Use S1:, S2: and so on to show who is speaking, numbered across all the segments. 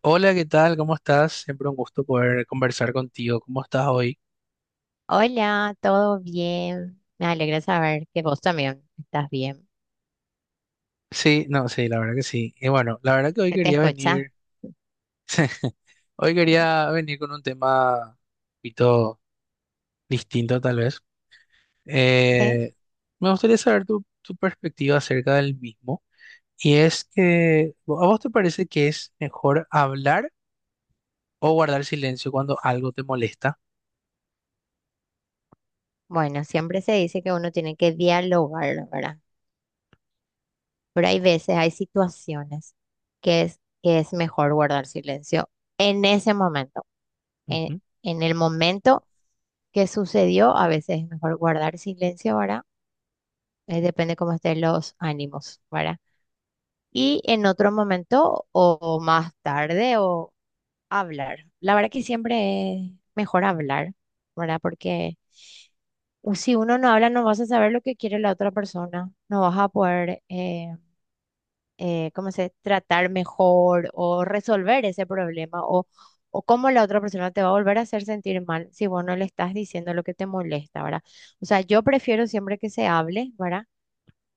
S1: Hola, ¿qué tal? ¿Cómo estás? Siempre un gusto poder conversar contigo. ¿Cómo estás hoy?
S2: Hola, ¿todo bien? Me alegra saber que vos también estás bien.
S1: Sí, no, sí, la verdad que sí. Y bueno, la verdad que hoy
S2: ¿Se te
S1: quería
S2: escucha?
S1: venir, hoy quería venir con un tema un poquito distinto tal vez.
S2: ¿Qué?
S1: Eh, Me gustaría saber tu perspectiva acerca del mismo. Y es que, ¿a vos te parece que es mejor hablar o guardar silencio cuando algo te molesta?
S2: Bueno, siempre se dice que uno tiene que dialogar, ¿verdad? Pero hay veces, hay situaciones que es mejor guardar silencio en ese momento. En,
S1: Ujú,
S2: en el momento que sucedió, a veces es mejor guardar silencio, ¿verdad? Depende cómo estén los ánimos, ¿verdad? Y en otro momento, o más tarde, o hablar. La verdad que siempre es mejor hablar, ¿verdad? Porque si uno no habla, no vas a saber lo que quiere la otra persona, no vas a poder, ¿cómo se dice? Tratar mejor o resolver ese problema o cómo la otra persona te va a volver a hacer sentir mal si vos no le estás diciendo lo que te molesta, ¿verdad? O sea, yo prefiero siempre que se hable, ¿verdad?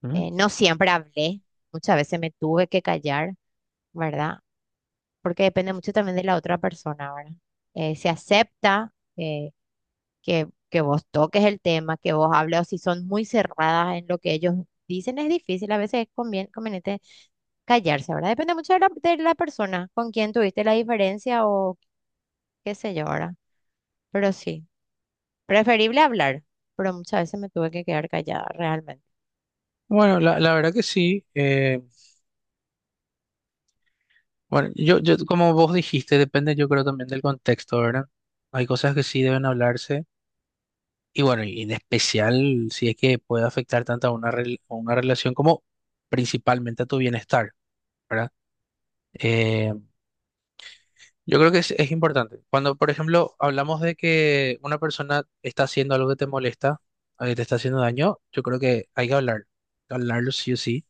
S1: ujú.
S2: No siempre hablé, muchas veces me tuve que callar. ¿Verdad? Porque depende mucho también de la otra persona, ¿verdad? Si acepta que vos toques el tema, que vos hables, o si son muy cerradas en lo que ellos dicen, es difícil, a veces es conveniente callarse, ¿verdad? Depende mucho de la persona con quien tuviste la diferencia o qué sé yo, ¿verdad? Pero sí, preferible hablar, pero muchas veces me tuve que quedar callada, realmente.
S1: Bueno, la verdad que sí. Bueno, como vos dijiste, depende, yo creo también del contexto, ¿verdad? Hay cosas que sí deben hablarse. Y bueno, y en especial si es que puede afectar tanto a una, a una relación como principalmente a tu bienestar, ¿verdad? Eh, yo creo que es importante. Cuando, por ejemplo, hablamos de que una persona está haciendo algo que te molesta, o que te está haciendo daño, yo creo que hay que hablar, hablarlo sí o sí.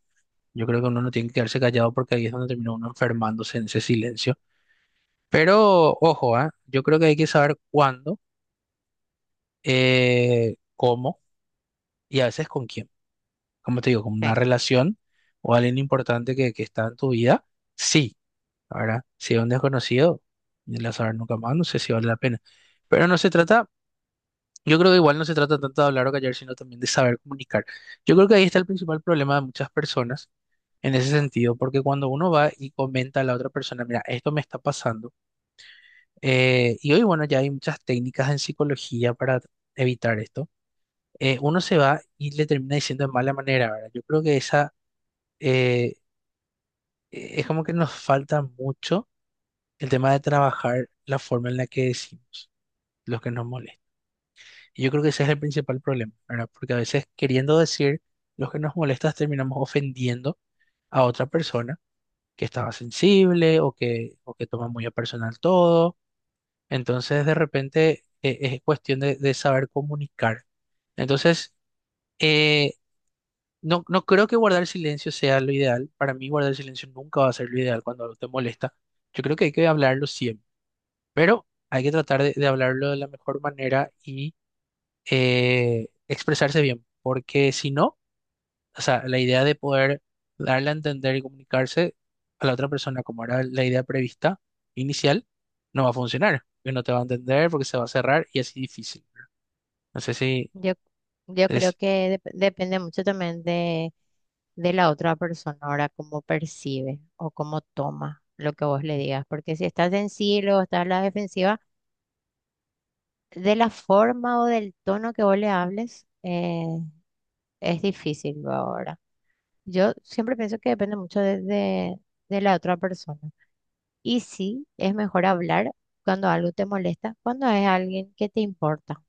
S1: Yo creo que uno no tiene que quedarse callado porque ahí es donde termina uno enfermándose en ese silencio. Pero ojo, ¿ah? Yo creo que hay que saber cuándo, cómo y a veces con quién. Como te digo, como una
S2: Sí.
S1: relación o alguien importante que está en tu vida, sí. Ahora, si es un desconocido, ni le vas nunca más, no sé si vale la pena. Pero no se trata, yo creo que igual no se trata tanto de hablar o callar, sino también de saber comunicar. Yo creo que ahí está el principal problema de muchas personas en ese sentido, porque cuando uno va y comenta a la otra persona, mira, esto me está pasando, y hoy, bueno, ya hay muchas técnicas en psicología para evitar esto. Uno se va y le termina diciendo de mala manera, ¿verdad? Yo creo que esa, eh, es como que nos falta mucho el tema de trabajar la forma en la que decimos lo que nos molesta. Y yo creo que ese es el principal problema, ¿verdad? Porque a veces queriendo decir lo que nos molesta terminamos ofendiendo a otra persona que estaba sensible o que toma muy a personal todo. Entonces de repente es cuestión de saber comunicar. Entonces, eh, no, no creo que guardar silencio sea lo ideal. Para mí guardar silencio nunca va a ser lo ideal cuando algo te molesta. Yo creo que hay que hablarlo siempre. Pero hay que tratar de hablarlo de la mejor manera y expresarse bien, porque si no, o sea, la idea de poder darle a entender y comunicarse a la otra persona como era la idea prevista inicial, no va a funcionar, porque no te va a entender, porque se va a cerrar y así difícil. No sé si
S2: Yo, yo creo
S1: es
S2: que depende mucho también de la otra persona, ahora cómo percibe o cómo toma lo que vos le digas, porque si estás sensible o estás a la defensiva, de la forma o del tono que vos le hables, es difícil luego ahora. Yo siempre pienso que depende mucho de la otra persona. Y sí, es mejor hablar cuando algo te molesta, cuando es alguien que te importa,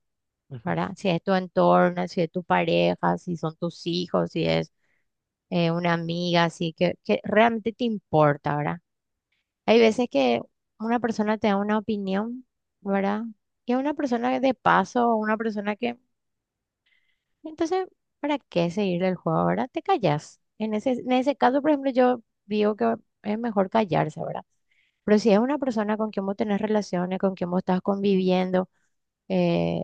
S1: ujú,
S2: ¿verdad? Si es tu entorno, si es tu pareja, si son tus hijos, si es una amiga, así que realmente te importa, ¿verdad? Hay veces que una persona te da una opinión, ¿verdad? Y a una persona de paso, o una persona que... Entonces, ¿para qué seguirle el juego, verdad? Te callas. En ese caso, por ejemplo, yo digo que es mejor callarse, ¿verdad? Pero si es una persona con quien vos tenés relaciones, con quien vos estás conviviendo, eh,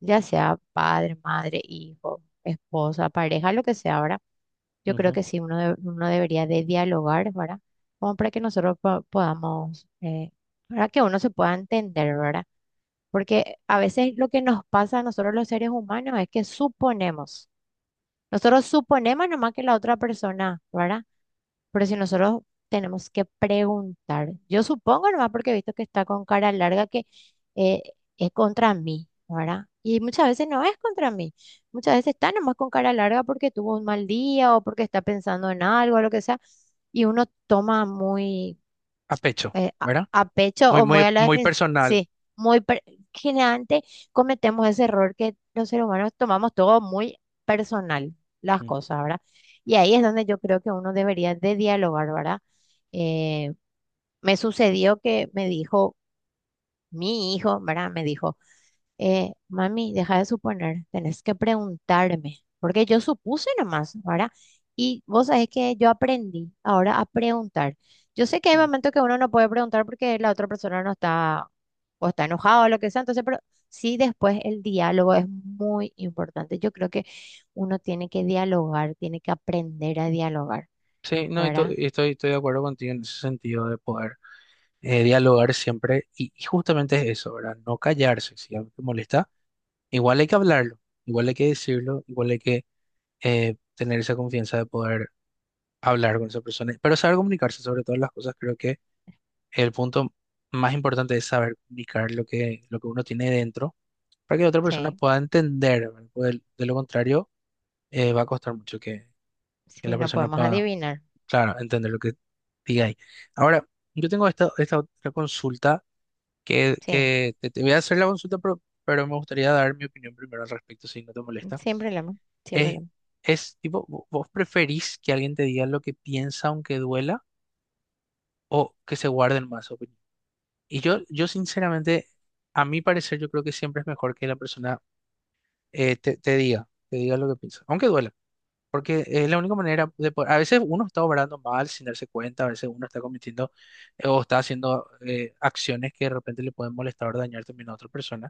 S2: ya sea padre, madre, hijo, esposa, pareja, lo que sea, ¿verdad? Yo creo
S1: ujú,
S2: que sí, uno, uno debería de dialogar, ¿verdad? Como para que nosotros podamos, para que uno se pueda entender, ¿verdad? Porque a veces lo que nos pasa a nosotros los seres humanos es que suponemos, nosotros suponemos nomás que la otra persona, ¿verdad? Pero si nosotros tenemos que preguntar, yo supongo nomás porque he visto que está con cara larga que eh, es contra mí, ¿verdad? Y muchas veces no es contra mí, muchas veces está nomás con cara larga porque tuvo un mal día o porque está pensando en algo o lo que sea, y uno toma muy
S1: a pecho, ¿verdad?
S2: a pecho
S1: Muy,
S2: o muy
S1: muy,
S2: a la
S1: muy
S2: defensiva.
S1: personal.
S2: Sí, muy per- generalmente cometemos ese error que los seres humanos tomamos todo muy personal, las
S1: Mm,
S2: cosas, ¿verdad? Y ahí es donde yo creo que uno debería de dialogar, ¿verdad? Eh, Me sucedió que me dijo mi hijo, ¿verdad? Me dijo mami, deja de suponer, tenés que preguntarme, porque yo supuse nomás, ¿verdad? Y vos sabés que yo aprendí ahora a preguntar. Yo sé que hay
S1: mm.
S2: momentos que uno no puede preguntar porque la otra persona no está o está enojado o lo que sea, entonces, pero sí después el diálogo es muy importante. Yo creo que uno tiene que dialogar, tiene que aprender a dialogar,
S1: Sí, no, y
S2: ¿verdad?
S1: y estoy, estoy de acuerdo contigo en ese sentido de poder dialogar siempre y justamente es eso, ¿verdad? No callarse, si algo te molesta, igual hay que hablarlo, igual hay que decirlo, igual hay que tener esa confianza de poder hablar con esa persona, pero saber comunicarse sobre todas las cosas. Creo que el punto más importante es saber comunicar lo que uno tiene dentro para que la otra persona
S2: Sí,
S1: pueda entender, ¿verdad? Porque de lo contrario va a costar mucho que
S2: sí,
S1: la
S2: no
S1: persona
S2: podemos
S1: pueda,
S2: adivinar.
S1: claro, entender lo que diga ahí. Ahora, yo tengo esta, esta otra consulta
S2: Sí,
S1: que te voy a hacer la consulta, pero me gustaría dar mi opinión primero al respecto, si no te molesta.
S2: sin problema, sin
S1: Es,
S2: problema.
S1: es tipo, ¿vos preferís que alguien te diga lo que piensa aunque duela o que se guarden más opinión? Y yo sinceramente, a mi parecer, yo creo que siempre es mejor que la persona te diga lo que piensa, aunque duela. Porque es la única manera de poder. A veces uno está obrando mal sin darse cuenta, a veces uno está cometiendo o está haciendo acciones que de repente le pueden molestar o dañar también a otra persona.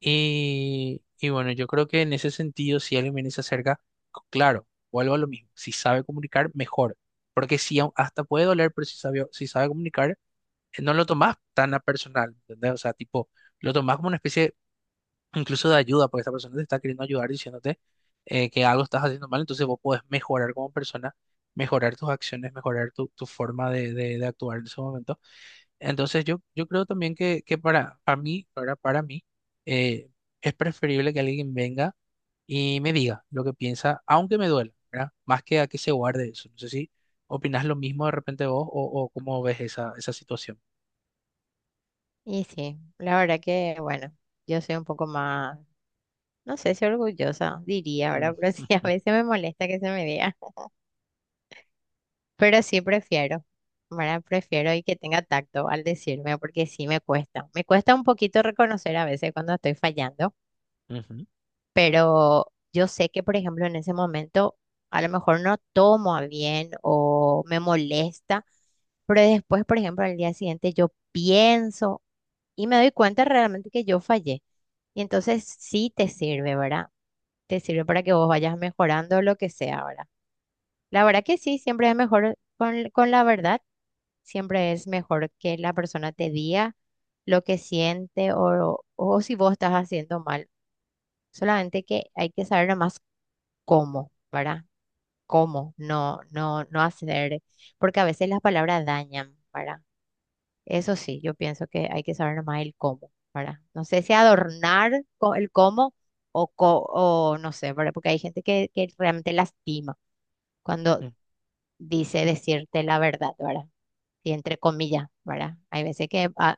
S1: Y bueno, yo creo que en ese sentido, si alguien viene y se acerca, claro, vuelvo a lo mismo. Si sabe comunicar, mejor. Porque si hasta puede doler, pero si sabe, si sabe comunicar, no lo tomás tan a personal, ¿entendés? O sea, tipo, lo tomás como una especie incluso de ayuda, porque esta persona te está queriendo ayudar diciéndote que algo estás haciendo mal, entonces vos podés mejorar como persona, mejorar tus acciones, mejorar tu forma de, de actuar en ese momento. Entonces yo creo también que para mí, eh, es preferible que alguien venga y me diga lo que piensa, aunque me duela, ¿verdad? Más que a que se guarde eso. No sé si opinás lo mismo de repente vos o cómo ves esa, esa situación.
S2: Y sí, la verdad que, bueno, yo soy un poco más, no sé si orgullosa, diría,
S1: Mm,
S2: ¿verdad? Pero sí, a
S1: ujú,
S2: veces me molesta que se me diga, pero sí prefiero, ¿verdad? Prefiero y que tenga tacto al decirme, porque sí me cuesta un poquito reconocer a veces cuando estoy fallando.
S1: ujú,
S2: Pero yo sé que, por ejemplo, en ese momento a lo mejor no tomo a bien o me molesta, pero después, por ejemplo, al día siguiente yo pienso y me doy cuenta realmente que yo fallé. Y entonces sí te sirve, ¿verdad? Te sirve para que vos vayas mejorando lo que sea verdad. La verdad que sí, siempre es mejor con la verdad, siempre es mejor que la persona te diga lo que siente o si vos estás haciendo mal. Solamente que hay que saber nomás cómo, ¿verdad? Cómo, no hacer, porque a veces las palabras dañan, ¿verdad? Eso sí, yo pienso que hay que saber más el cómo, ¿verdad? No sé si adornar el cómo o, o no sé, ¿verdad? Porque hay gente que realmente lastima cuando
S1: ujú.
S2: dice decirte la verdad, ¿verdad? Y entre comillas, ¿verdad? Hay veces que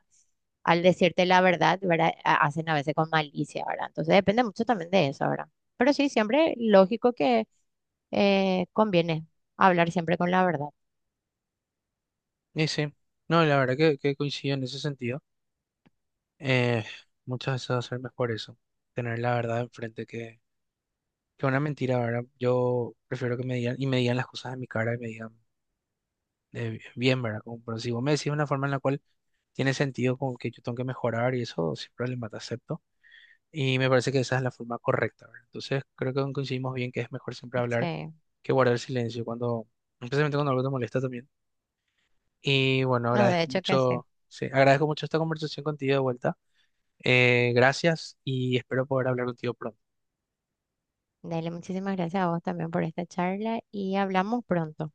S2: al decirte la verdad, ¿verdad? Hacen a veces con malicia, ¿verdad? Entonces depende mucho también de eso, ¿verdad? Pero sí, siempre lógico que conviene hablar siempre con la verdad.
S1: Y sí, no, la verdad que coincido en ese sentido. Eh, Muchas veces va a ser mejor eso, tener la verdad enfrente que una mentira, ¿verdad? Yo prefiero que me digan y me digan las cosas en mi cara y me digan de bien, ¿verdad? Como, pero si vos me decís de una forma en la cual tiene sentido como que yo tengo que mejorar y eso, sin problema, te acepto. Y me parece que esa es la forma correcta, ¿verdad? Entonces creo que coincidimos bien que es mejor siempre hablar
S2: Sí.
S1: que guardar silencio cuando, especialmente cuando algo te molesta también. Y bueno,
S2: No, de
S1: agradezco
S2: hecho que sí.
S1: mucho, sí, agradezco mucho esta conversación contigo de vuelta. Gracias y espero poder hablar contigo pronto.
S2: Dale, muchísimas gracias a vos también por esta charla y hablamos pronto.